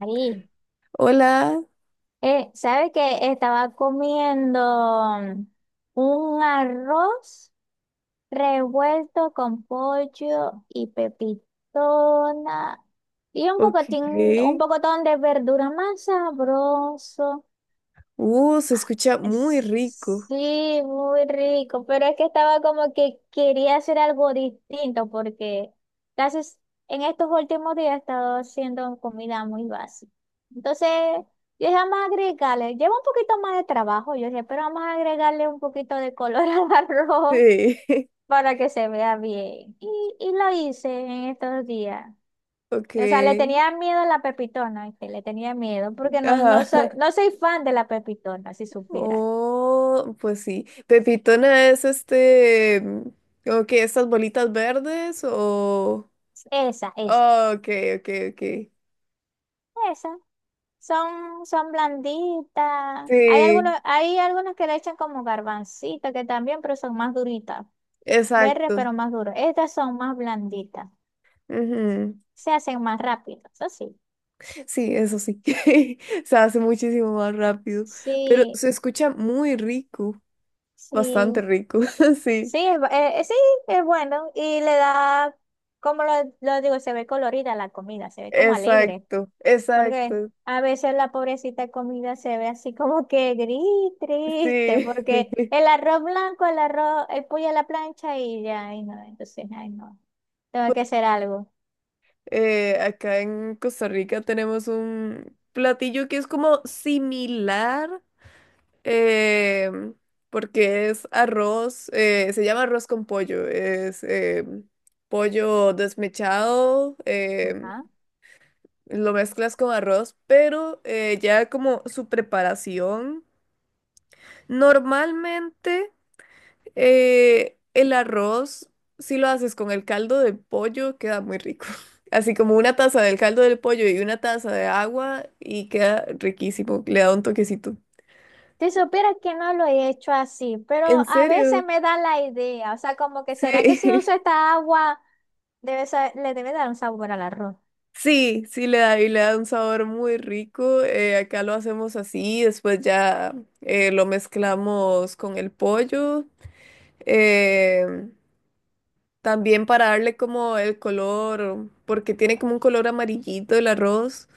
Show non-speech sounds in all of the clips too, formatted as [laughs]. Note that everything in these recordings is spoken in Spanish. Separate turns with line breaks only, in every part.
Ahí.
Hola,
¿Sabe qué? Estaba comiendo un arroz revuelto con pollo y pepitona y un
ok.
pocotín, un pocotón de verdura más sabroso.
Se escucha muy
Es-
rico.
Sí, muy rico, pero es que estaba como que quería hacer algo distinto porque casi s- en estos últimos días he estado haciendo comida muy básica. Entonces, yo dije, vamos a agregarle, lleva un poquito más de trabajo, yo dije, pero vamos a agregarle un poquito de color [laughs] al arroz
Sí,
para que se vea bien. Y lo hice en estos días.
[laughs] ok.
O sea, le tenía miedo a la pepitona, que le tenía miedo, porque no, no
Ajá.
soy, no soy fan de la pepitona, si supieran.
Oh, pues sí. Pepitona es como que estas bolitas verdes o...
Esa, esa,
Oh, ok, ok, ok.
esa. Son blanditas. Hay algunos,
Sí,
hay algunos que le echan como garbancito, que también, pero son más duritas. Verdes,
exacto.
pero más duras. Estas son más blanditas.
Ujú.
Se hacen más rápido. Eso sí.
Sí, eso sí. [laughs] Se hace muchísimo más rápido, pero
Sí,
se escucha muy rico, bastante
sí.
rico, [laughs] sí.
Sí, es bueno. Y le da, como lo digo, se ve colorida la comida, se ve como alegre.
Exacto,
Porque
exacto,
a veces la pobrecita comida se ve así como que gris, triste,
sí,
porque
[laughs]
el arroz blanco, el arroz, el pollo a la plancha y ya, ay no, entonces, ay no, tengo que hacer algo.
acá en Costa Rica tenemos un platillo que es como similar, eh, porque es arroz, se llama arroz con pollo, es pollo desmechado,
Ajá.
lo mezclas con arroz, pero ya como su preparación, normalmente... el arroz, si lo haces con el caldo de pollo, queda muy rico. [laughs] Así como una taza del caldo del pollo y una taza de agua y queda riquísimo. Le da un toquecito.
Si supieras que no lo he hecho así, pero
¿En
a
serio?
veces me da la idea, o sea, como que será que si
Sí.
uso
[laughs]
esta agua debe sa- le debe dar un sabor al arroz.
Sí, sí le da y le da un sabor muy rico. Acá lo hacemos así, después ya lo mezclamos con el pollo. eh, También para darle como el color, porque tiene como un color amarillito el arroz.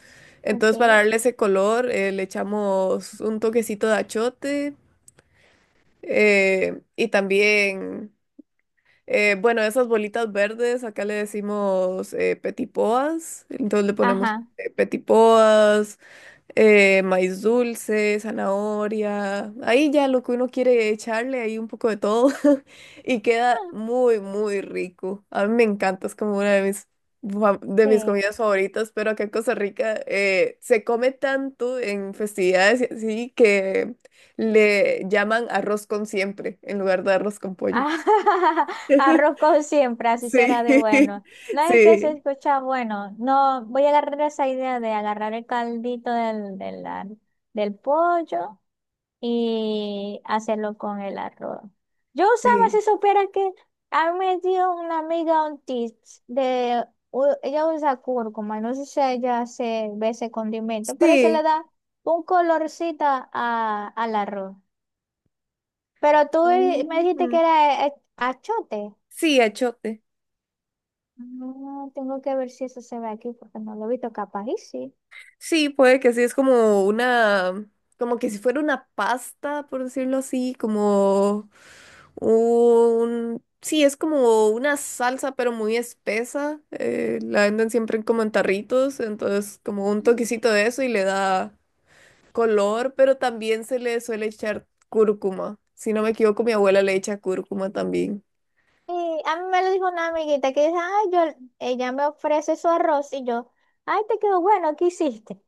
Entonces
Okay.
para darle ese color le echamos un toquecito de achote eh, y también, bueno, esas bolitas verdes, acá le decimos petipoas. Entonces le ponemos
Ajá.
petipoas, maíz dulce, zanahoria, ahí ya lo que uno quiere echarle, ahí un poco de todo [laughs] y queda
Ah,
muy, muy rico. A mí me encanta, es como una de de mis
sí.
comidas favoritas, pero acá en Costa Rica se come tanto en festividades y así que le llaman arroz con siempre en lugar de arroz con pollo.
Ah, [laughs] arroz con siempre, así
Sí,
será de bueno.
[laughs]
No es que se
sí,
escucha bueno. No, voy a agarrar esa idea de agarrar el caldito del pollo y hacerlo con el arroz. Yo usaba,
sí,
si supiera que a mí me dio una amiga un tips de, ella usa cúrcuma, no sé si ella se ve ese condimento, pero se le
sí.
da un colorcito al arroz. Pero tú me dijiste
Ujú.
que era achote.
Sí, achote.
No, tengo que ver si eso se ve aquí porque no lo he visto, capaz y sí.
Sí, puede que sí, es como una, como que si fuera una pasta, por decirlo así, como un, sí, es como una salsa, pero muy espesa. Eh, la venden siempre como en tarritos, entonces como un
Mm.
toquecito de eso y le da color, pero también se le suele echar cúrcuma. Si no me equivoco, mi abuela le echa cúrcuma también.
Y a mí me lo dijo una amiguita que dice, ay, yo, ella me ofrece su arroz y yo, ay, te quedó bueno, ¿qué hiciste? Me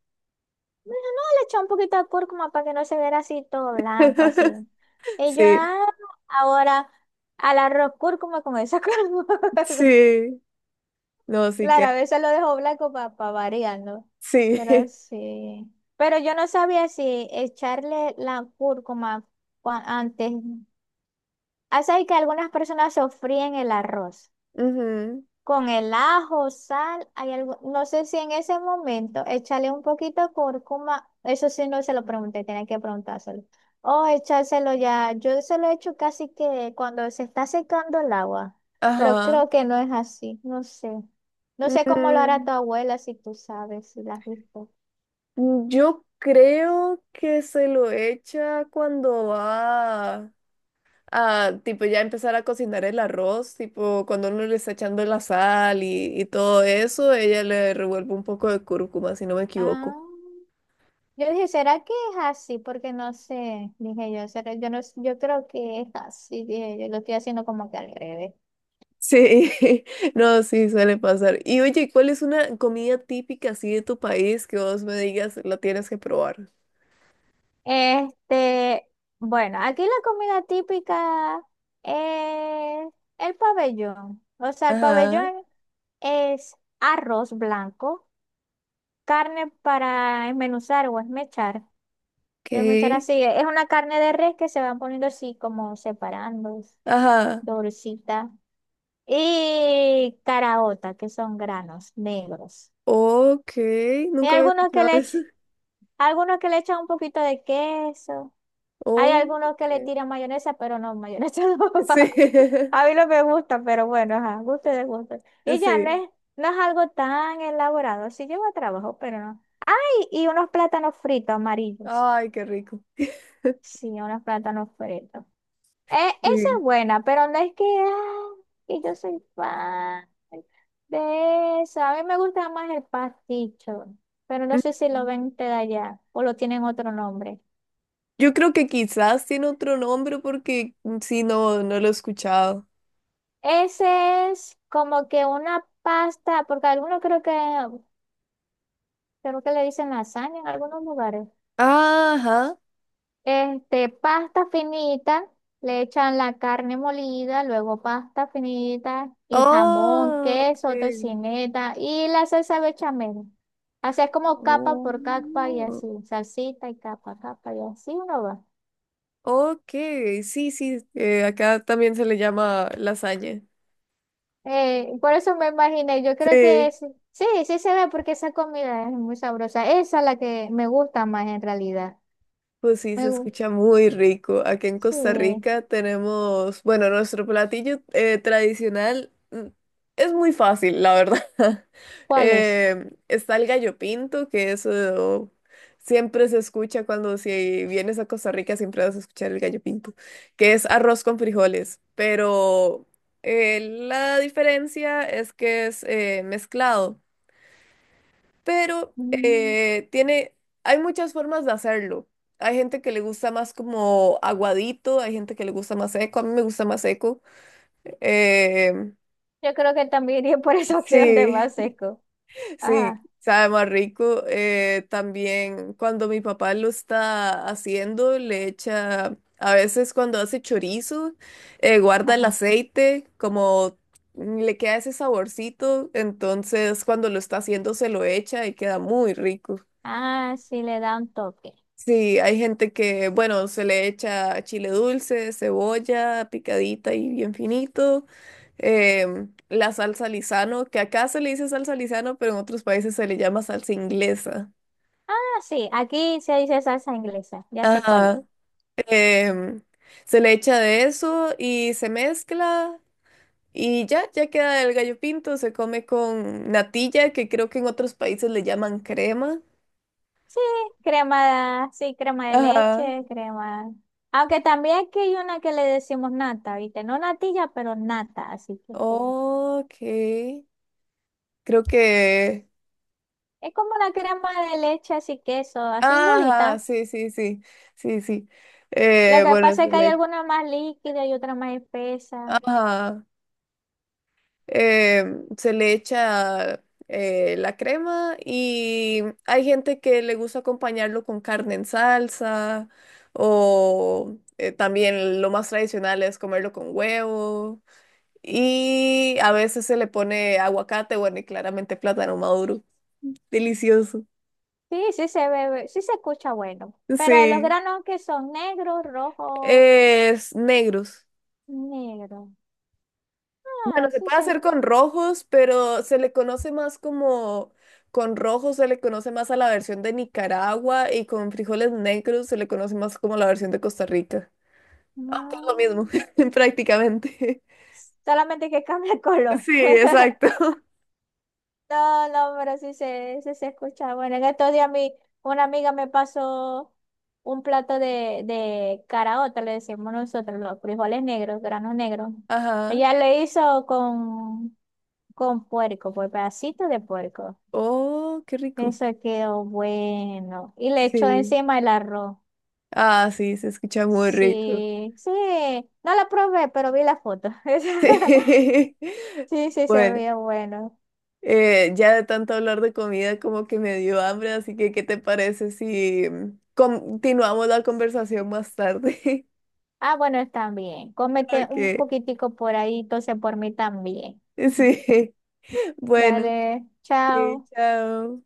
dijo, no, le eché un poquito de cúrcuma para que no se viera así todo blanco, así.
[laughs]
Y yo,
Sí,
ah, ahora al arroz cúrcuma con esa [laughs] cúrcuma.
sí, no, sí que,
Claro, a veces lo dejo blanco para variar, ¿no?
sí.
Pero
[laughs]
sí. Pero yo no sabía si echarle la cúrcuma antes. Ah, sabes que algunas personas sofríen el arroz
Ujú,
con el ajo, sal, hay algo, no sé si en ese momento échale un poquito de cúrcuma, eso sí no se lo pregunté, tenía que preguntárselo. O echárselo ya, yo se lo he hecho casi que cuando se está secando el agua, pero
ajá.
creo que no es así, no sé. No sé cómo lo hará
Mm,
tu abuela, si tú sabes, si la has visto.
yo creo que se lo echa cuando va a, tipo, ya empezar a cocinar el arroz, tipo, cuando uno le está echando la sal y todo eso, ella le revuelve un poco de cúrcuma, si no me
Ah.
equivoco.
Yo dije, ¿será que es así? Porque no sé, dije yo, ¿será? Yo no, yo creo que es así, dije yo, lo estoy haciendo como que al revés.
Sí, [laughs] no, sí, suele pasar. Y oye, ¿cuál es una comida típica así de tu país que vos me digas la tienes que probar?
Este, bueno, aquí la comida típica es el pabellón. O sea, el
Ajá,
pabellón es arroz blanco, carne para esmenuzar o esmechar. Desmechar
ok,
así, es una carne de res que se van poniendo así como separando,
ajá,
dorcita. Y caraota, que son granos negros.
ok,
Hay
nunca había
algunos que
escuchado
le,
eso.
ech- algunos que le echan un poquito de queso. Hay
Ok,
algunos que le tiran mayonesa, pero no, mayonesa [laughs] no
sí.
va. A
[laughs]
mí no me gusta, pero bueno, ajá, gusto de gusto. Y ya no
Sí.
es, no es algo tan elaborado. Sí lleva trabajo, pero no. Y unos plátanos fritos amarillos.
Ay, qué rico.
Sí, unos plátanos fritos. Eh, Esa
Sí.
es buena, pero no es que, ah, que yo soy fan de esa. A mí me gusta más el pasticho, pero no sé si lo
Mm.
ven de allá o lo tienen otro nombre.
Yo creo que quizás tiene otro nombre porque mm, sí, no, no lo he escuchado.
Ese es como que una pasta, porque algunos creo que le dicen lasaña en algunos lugares.
Ajá.
Este, pasta finita, le echan la carne molida, luego pasta finita y jamón,
Oh,
queso,
ok.
tocineta y la salsa bechamel. Así es como capa por capa y
Oh,
así, salsita y capa, capa y así uno va.
ok. Sí, sí. Eh, acá también se le llama lasaña.
Por eso me imaginé, yo creo que
Sí.
sí, sí se ve porque esa comida es muy sabrosa. Esa es la que me gusta más en realidad.
Pues sí, se
Me, gu-
escucha muy rico. Aquí en Costa
sí.
Rica tenemos, bueno, nuestro platillo tradicional mm, es muy fácil, la verdad. [laughs]
¿Cuál es?
Está el gallo pinto, que eso siempre se escucha cuando si vienes a Costa Rica, siempre vas a escuchar el gallo pinto, que es arroz con frijoles, pero la diferencia es que es mezclado pero
Mm,
tiene, hay muchas formas de hacerlo. Hay gente que le gusta más como aguadito, hay gente que le gusta más seco, a mí me gusta más seco. Eh,
Yo creo que también [laughs] iría por esa opción de
sí,
más seco.
[laughs] sí,
Ajá.
sabe más rico. También cuando mi papá lo está haciendo, le echa, a veces cuando hace chorizo, guarda el
Ajá.
aceite, como le queda ese saborcito, entonces cuando lo está haciendo se lo echa y queda muy rico.
Ah, sí, le da un toque.
Sí, hay gente que, bueno, se le echa chile dulce, cebolla picadita y bien finito. La salsa Lizano, que acá se le dice salsa Lizano, pero en otros países se le llama salsa inglesa.
Ah, sí, aquí se dice salsa inglesa, ya sé cuál es.
Ajá. em, Se le echa de eso y se mezcla y ya, ya queda el gallo pinto. Se come con natilla, que creo que en otros países le llaman crema.
Sí, sí, crema de
Ajá.
leche, crema. Aunque también aquí hay una que le decimos nata, ¿viste? No natilla, pero nata, así que
Ok. Creo que
es como la crema de leche, así queso, así
ajá,
igualita.
sí, sí, sí, sí, sí.
Lo que
Bueno, se
pasa es que hay
le,
alguna más líquida y otra más espesa.
ajá, eh se le echa la crema y hay gente que le gusta acompañarlo con carne en salsa o también lo más tradicional es comerlo con huevo y a veces se le pone aguacate, bueno, y claramente plátano maduro. Delicioso.
Sí, sí se bebe, sí se escucha bueno. Pero los
Sí,
granos que son negros, rojo,
es negros.
negro.
Bueno,
Ah,
se
sí,
puede hacer con rojos, pero se le conoce más como, con rojos se le conoce más a la versión de Nicaragua y con frijoles negros se le conoce más como la versión de Costa Rica. Aunque es lo
Mm,
mismo, [laughs] prácticamente.
solamente que cambia el color.
Sí,
[laughs]
exacto. [laughs]
No, no, pero sí se escucha. Bueno, en estos días mi, una amiga me pasó un plato de caraota, le decimos nosotros, los frijoles negros, granos negros.
Ajá.
Ella le hizo con puerco, pues pedacitos de puerco.
Oh, qué rico.
Eso quedó bueno. Y le echó
Sí.
encima el arroz.
Ah, sí, se escucha muy rico.
Sí, sí. No la probé, pero vi la foto. [laughs]
Sí.
Sí,
[laughs]
sí, se
Bueno.
veía bueno.
Ya de tanto hablar de comida como que me dio hambre, así que ¿qué te parece si mm, continuamos la conversación más tarde? [laughs]
Ah, bueno, está bien. Cómete un
Ok,
poquitico por ahí, entonces por mí también. [laughs]
sí, [laughs] bueno,
Dale,
ok,
chao.
chao.